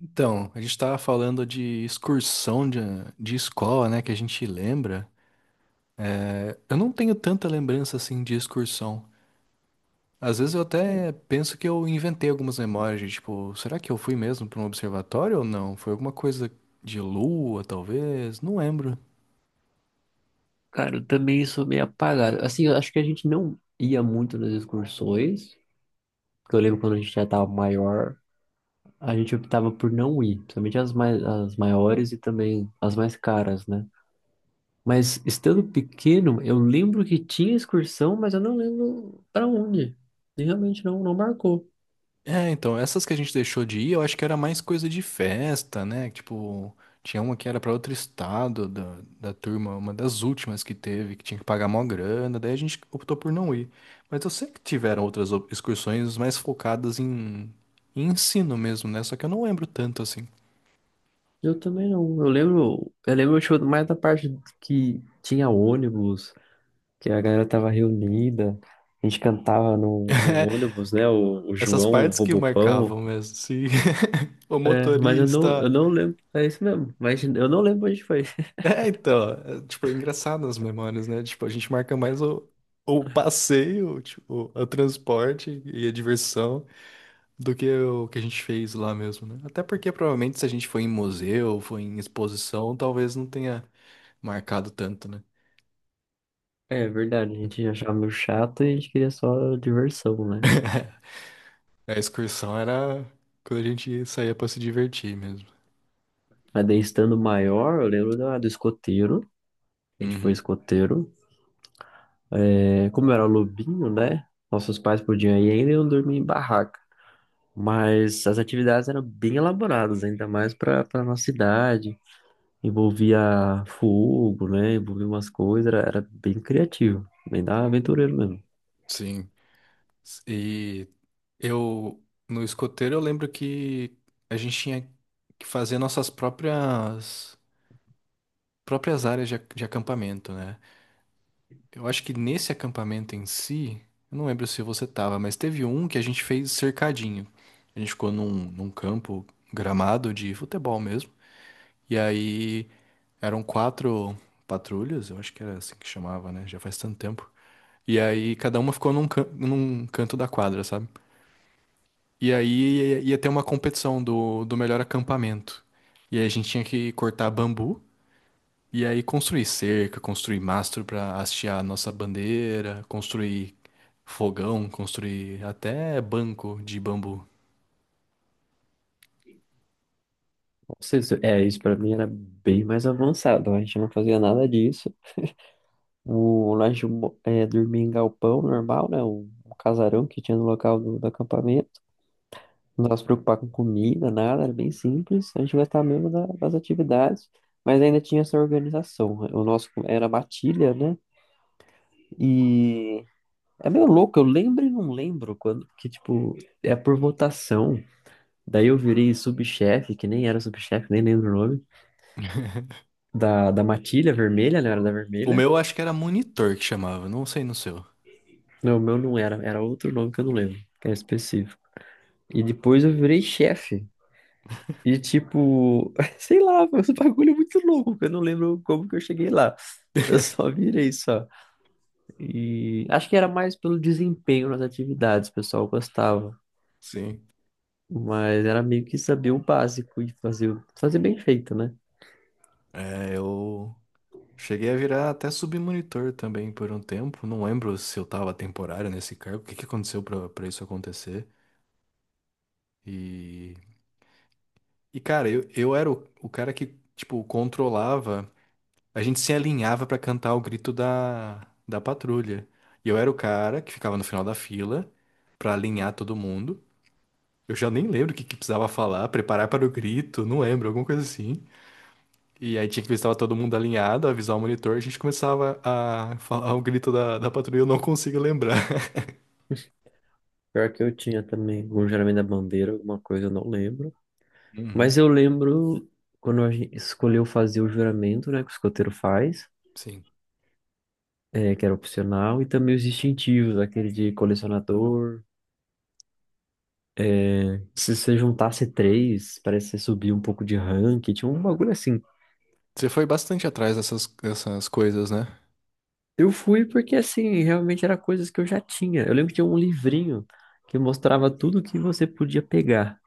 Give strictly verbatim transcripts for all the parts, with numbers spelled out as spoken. Então, a gente estava falando de excursão de, de escola, né, que a gente lembra. É, eu não tenho tanta lembrança assim de excursão. Às vezes eu até penso que eu inventei algumas memórias, de, tipo, será que eu fui mesmo para um observatório ou não? Foi alguma coisa de lua, talvez? Não lembro. Cara, eu também sou meio apagado. Assim, eu acho que a gente não ia muito nas excursões, porque eu lembro quando a gente já tava maior, a gente optava por não ir, principalmente as mais, as maiores e também as mais caras, né? Mas estando pequeno, eu lembro que tinha excursão, mas eu não lembro pra onde. E realmente não, não marcou. É, então, essas que a gente deixou de ir, eu acho que era mais coisa de festa, né? Tipo, tinha uma que era pra outro estado da, da turma, uma das últimas que teve, que tinha que pagar mó grana, daí a gente optou por não ir. Mas eu sei que tiveram outras op- excursões mais focadas em, em ensino mesmo, né? Só que eu não lembro tanto assim. Eu também não. Eu lembro, eu lembro acho, mais da parte que tinha ônibus, que a galera tava reunida, a gente cantava no, no ônibus, né? O, o Essas João, o partes que Robopão. marcavam mesmo, se o É, mas eu não, eu motorista. não lembro. É isso mesmo, mas eu não lembro onde foi. É, então, é, tipo, é engraçado as memórias, né? Tipo, a gente marca mais o, o passeio, tipo, o transporte e a diversão do que o que a gente fez lá mesmo, né? Até porque provavelmente se a gente foi em museu, foi em exposição, talvez não tenha marcado tanto, né? É verdade, a gente achava meio chato e a gente queria só diversão, né? A excursão era quando a gente saía pra se divertir mesmo. Mas daí estando maior, eu lembro da, do escoteiro. A gente foi Uhum, escoteiro. É, como era lobinho, né? Nossos pais podiam ir ainda e eu dormia em barraca. Mas as atividades eram bem elaboradas, ainda mais para para nossa idade. Envolvia fogo, né? Envolvia umas coisas, era, era bem criativo, bem da aventureiro mesmo. sim. E eu, no escoteiro, eu lembro que a gente tinha que fazer nossas próprias. próprias áreas de, ac- de acampamento, né? Eu acho que nesse acampamento em si, eu não lembro se você tava, mas teve um que a gente fez cercadinho. A gente ficou num, num campo gramado de futebol mesmo. E aí eram quatro patrulhas, eu acho que era assim que chamava, né? Já faz tanto tempo. E aí cada uma ficou num, can- num canto da quadra, sabe? E aí ia, ia ter uma competição do, do melhor acampamento. E aí a gente tinha que cortar bambu. E aí construir cerca, construir mastro para hastear a nossa bandeira, construir fogão, construir até banco de bambu. Não sei se- É, isso pra mim era bem mais avançado, a gente não fazia nada disso. O, lá a gente mo- É, dormia em galpão normal, né? Um, um casarão que tinha no local do, do acampamento. Não se preocupar com comida, nada, era bem simples. A gente gostava mesmo da- das atividades, mas ainda tinha essa organização, né? O nosso era matilha, né? E é meio louco, eu lembro e não lembro quando, que tipo, é por votação. Daí eu virei subchefe, que nem era subchefe, nem lembro o nome, da, da matilha vermelha, né? Era da O vermelha. meu acho que era monitor que chamava, não sei no seu. Não, o meu não era, era outro nome que eu não lembro, que era específico. E depois eu virei chefe. E tipo, sei lá, foi um bagulho muito louco, que eu não lembro como que eu cheguei lá. Eu só virei só. E acho que era mais pelo desempenho nas atividades, o pessoal gostava. Sim. Mas era meio que saber o básico e fazer, o- fazer bem feito, né? É, eu cheguei a virar até submonitor também por um tempo. Não lembro se eu tava temporário nesse cargo, o que que aconteceu pra, pra isso acontecer. E, e cara, eu, eu era o, o cara que, tipo, controlava. A gente se alinhava pra cantar o grito da, da patrulha. E eu era o cara que ficava no final da fila pra alinhar todo mundo. Eu já nem lembro o que, que precisava falar, preparar para o grito, não lembro, alguma coisa assim. E aí tinha que ver se estava todo mundo alinhado, avisar o monitor, a gente começava a falar o grito da, da patrulha, eu não consigo lembrar. Pior que eu tinha também algum geralmente da bandeira, alguma coisa, eu não lembro. Mas Uhum, eu lembro quando a gente escolheu fazer o juramento, né, que o escoteiro faz, sim. é, que era opcional, e também os distintivos, aquele de colecionador. É, se você juntasse três, parece que você subia um pouco de rank, tinha um bagulho assim. Você foi bastante atrás dessas, dessas coisas, né? Eu fui porque, assim, realmente era coisas que eu já tinha. Eu lembro que tinha um livrinho que mostrava tudo que você podia pegar.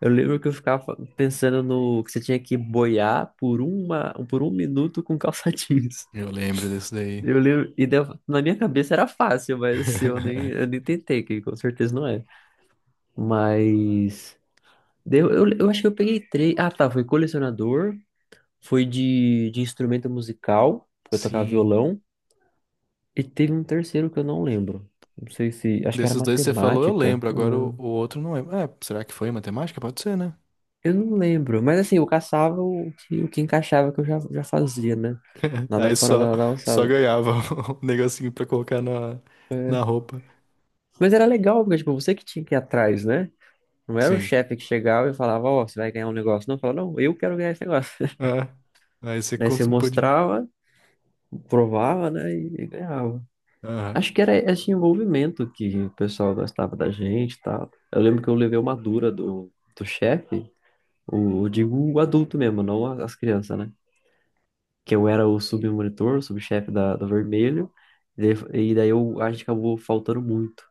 Eu lembro que eu ficava pensando no que você tinha que boiar por uma, por um minuto com calça jeans. Eu lembro desse daí. Eu lembro, e deu- na minha cabeça era fácil, mas assim, eu nem, eu nem tentei, que com certeza não é. Mas deu, eu, eu acho que eu peguei três. Ah, tá, foi colecionador, foi de, de instrumento musical, eu tocava Sim. violão, e teve um terceiro que eu não lembro. Não sei se, acho que era Desses dois que você falou, eu matemática, lembro. não Agora o, lembro. o outro não lembro. É, será que foi matemática? Pode ser, né? Eu não lembro, mas assim, eu caçava o que, o que encaixava que eu já, já fazia, né? Nada Aí fora só, da, da só alçada. ganhava o negocinho pra colocar na, na roupa. Mas era legal, porque tipo, você que tinha que ir atrás, né? Não era o Sim. chefe que chegava e falava, ó, você vai ganhar um negócio. Não, eu falava, não, eu quero ganhar esse negócio. É. Aí você Daí você cons- podia. mostrava, provava, né? E, e ganhava. Aham. Acho que era esse envolvimento que o pessoal gostava da gente e tal. Eu lembro que eu levei uma dura do, do chefe, o, eu digo o adulto mesmo, não as crianças, né? Que eu era o submonitor, o subchefe da, da Vermelho, e daí e daí eu, a gente acabou faltando muito.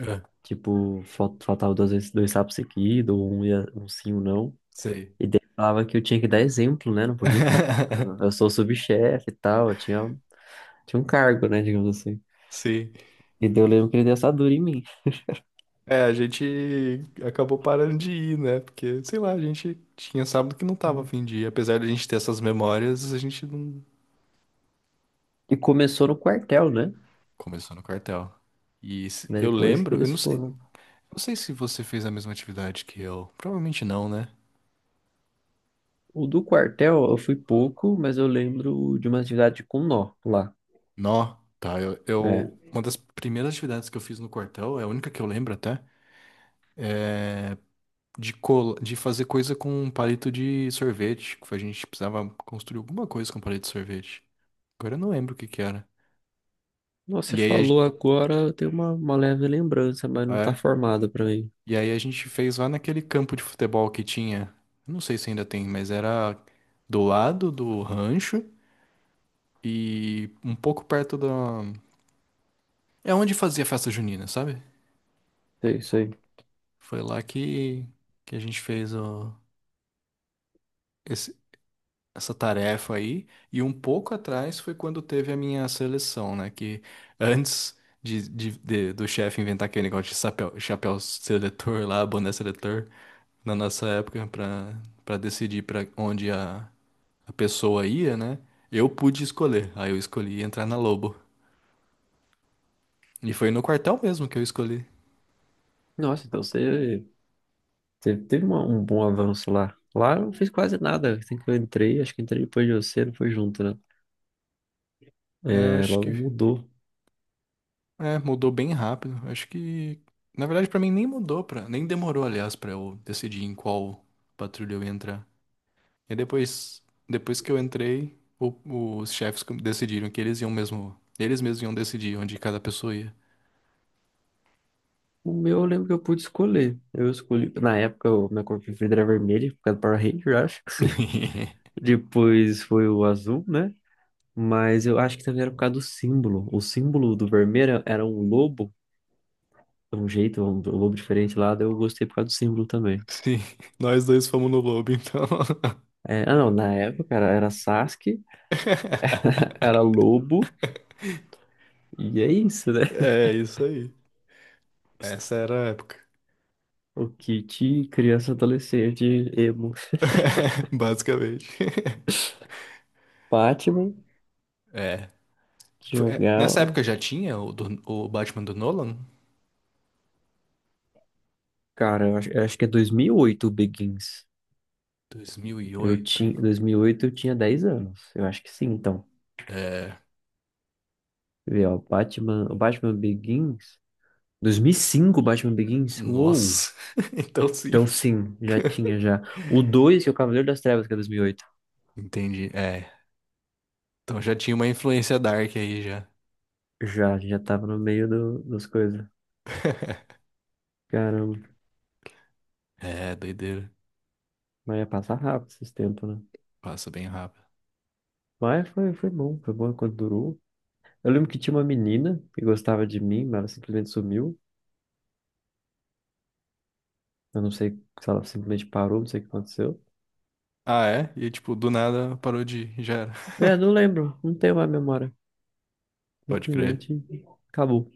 É. Tipo, fal- faltava duas vezes dois sapos seguidos, ou um, ia, um sim, um não. Sei. E daí falava que eu tinha que dar exemplo, né? Não podia ficar faltando. Eu sou o subchefe e tal, eu tinha, tinha um cargo, né? Digamos assim. Sim. E daí eu lembro que ele deu essa dura em mim. É, a gente acabou parando de ir, né? Porque, sei lá, a gente tinha sábado que não tava a fim de ir. Apesar de a gente ter essas memórias, a gente não E começou no quartel, né? começou no quartel. E se- Né, eu depois que lembro, eu eles não sei. foram. Não sei se você fez a mesma atividade que eu. Provavelmente não, né? O do quartel eu fui pouco, mas eu lembro de uma atividade com nó lá. Nó, tá. Eu, é, eu- Uma das primeiras atividades que eu fiz no quartel, é a única que eu lembro até, de, col de fazer coisa com um palito de sorvete. Que A gente precisava construir alguma coisa com palito de sorvete. Agora eu não lembro o que que era. nossa, você E aí a, falou gen- agora, eu tenho uma, uma leve lembrança, mas não tá é, formada pra mim. e aí a gente fez lá naquele campo de futebol que tinha. Eu Não sei se ainda tem, mas era do lado do rancho e um pouco perto da. É onde fazia festa junina, sabe? É isso aí. Foi lá que, que a gente fez o, esse- essa tarefa aí. E um pouco atrás foi quando teve a minha seleção, né? Que antes de, de- de- do chefe inventar aquele negócio de chapéu, chapéu seletor lá, boné seletor, na nossa época, para para decidir para onde a, a pessoa ia, né? Eu pude escolher. Aí eu escolhi entrar na Lobo. E foi no quartel mesmo que eu escolhi. Nossa, então você, você teve uma- um bom avanço lá. Lá eu não fiz quase nada. Assim que eu entrei, acho que entrei depois de você, não foi junto, né? É, Eu É, acho que logo mudou. É, mudou bem rápido. Acho que, na verdade, pra mim nem mudou para, nem demorou, aliás, pra eu decidir em qual patrulha eu ia entrar. E depois, depois que eu entrei, o- os chefes com- decidiram que eles iam mesmo, eles mesmos iam decidir onde cada pessoa ia. O meu eu lembro que eu pude escolher. Eu escolhi, na época, o minha cor preferida era vermelha, por causa do Power Ranger, eu acho. Depois foi o azul, né? Mas eu acho que também era por causa do símbolo. O símbolo do vermelho era um lobo, de um jeito, um lobo diferente lá, daí eu gostei por causa do símbolo também. Sim, nós dois fomos no lobo, então. É, ah, não, na época era, era Sasuke, era Lobo, e é isso, né? É isso aí. Essa era a época. O kit criança adolescente emo. Basicamente. Batman, É. que Foi- é, Nessa jogava. época já tinha o, do- o Batman do Nolan? Cara, eu acho, eu acho que é dois mil e oito o Begins. dois mil e Eu oito, tinha, dois mil e oito eu tinha dez anos. Eu acho que sim, então. é. Quer ver ó, Batman, o Batman Begins. dois mil e cinco o Batman Begins? Uou! Nossa. Então sim. Então sim, já tinha já. O dois que é o Cavaleiro das Trevas, que é dois mil e oito. Entendi. É. Então já tinha uma influência dark aí já. Já, já tava no meio do, das coisas. Cara, É, doideira. mas ia passar rápido esses tempos, né? Passa bem rápido. Mas foi, foi bom, foi bom enquanto durou. Eu lembro que tinha uma menina que gostava de mim, mas ela simplesmente sumiu. Eu não sei se ela simplesmente parou, não sei o que aconteceu. Ah, é? E tipo, do nada parou de ir, já era. É, não lembro, não tenho mais memória. Pode crer. Simplesmente acabou.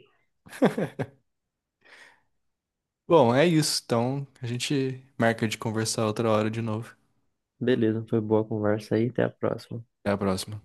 Bom, é isso. Então a gente marca de conversar outra hora de novo. Beleza, foi boa a conversa aí, até a próxima. Até a próxima.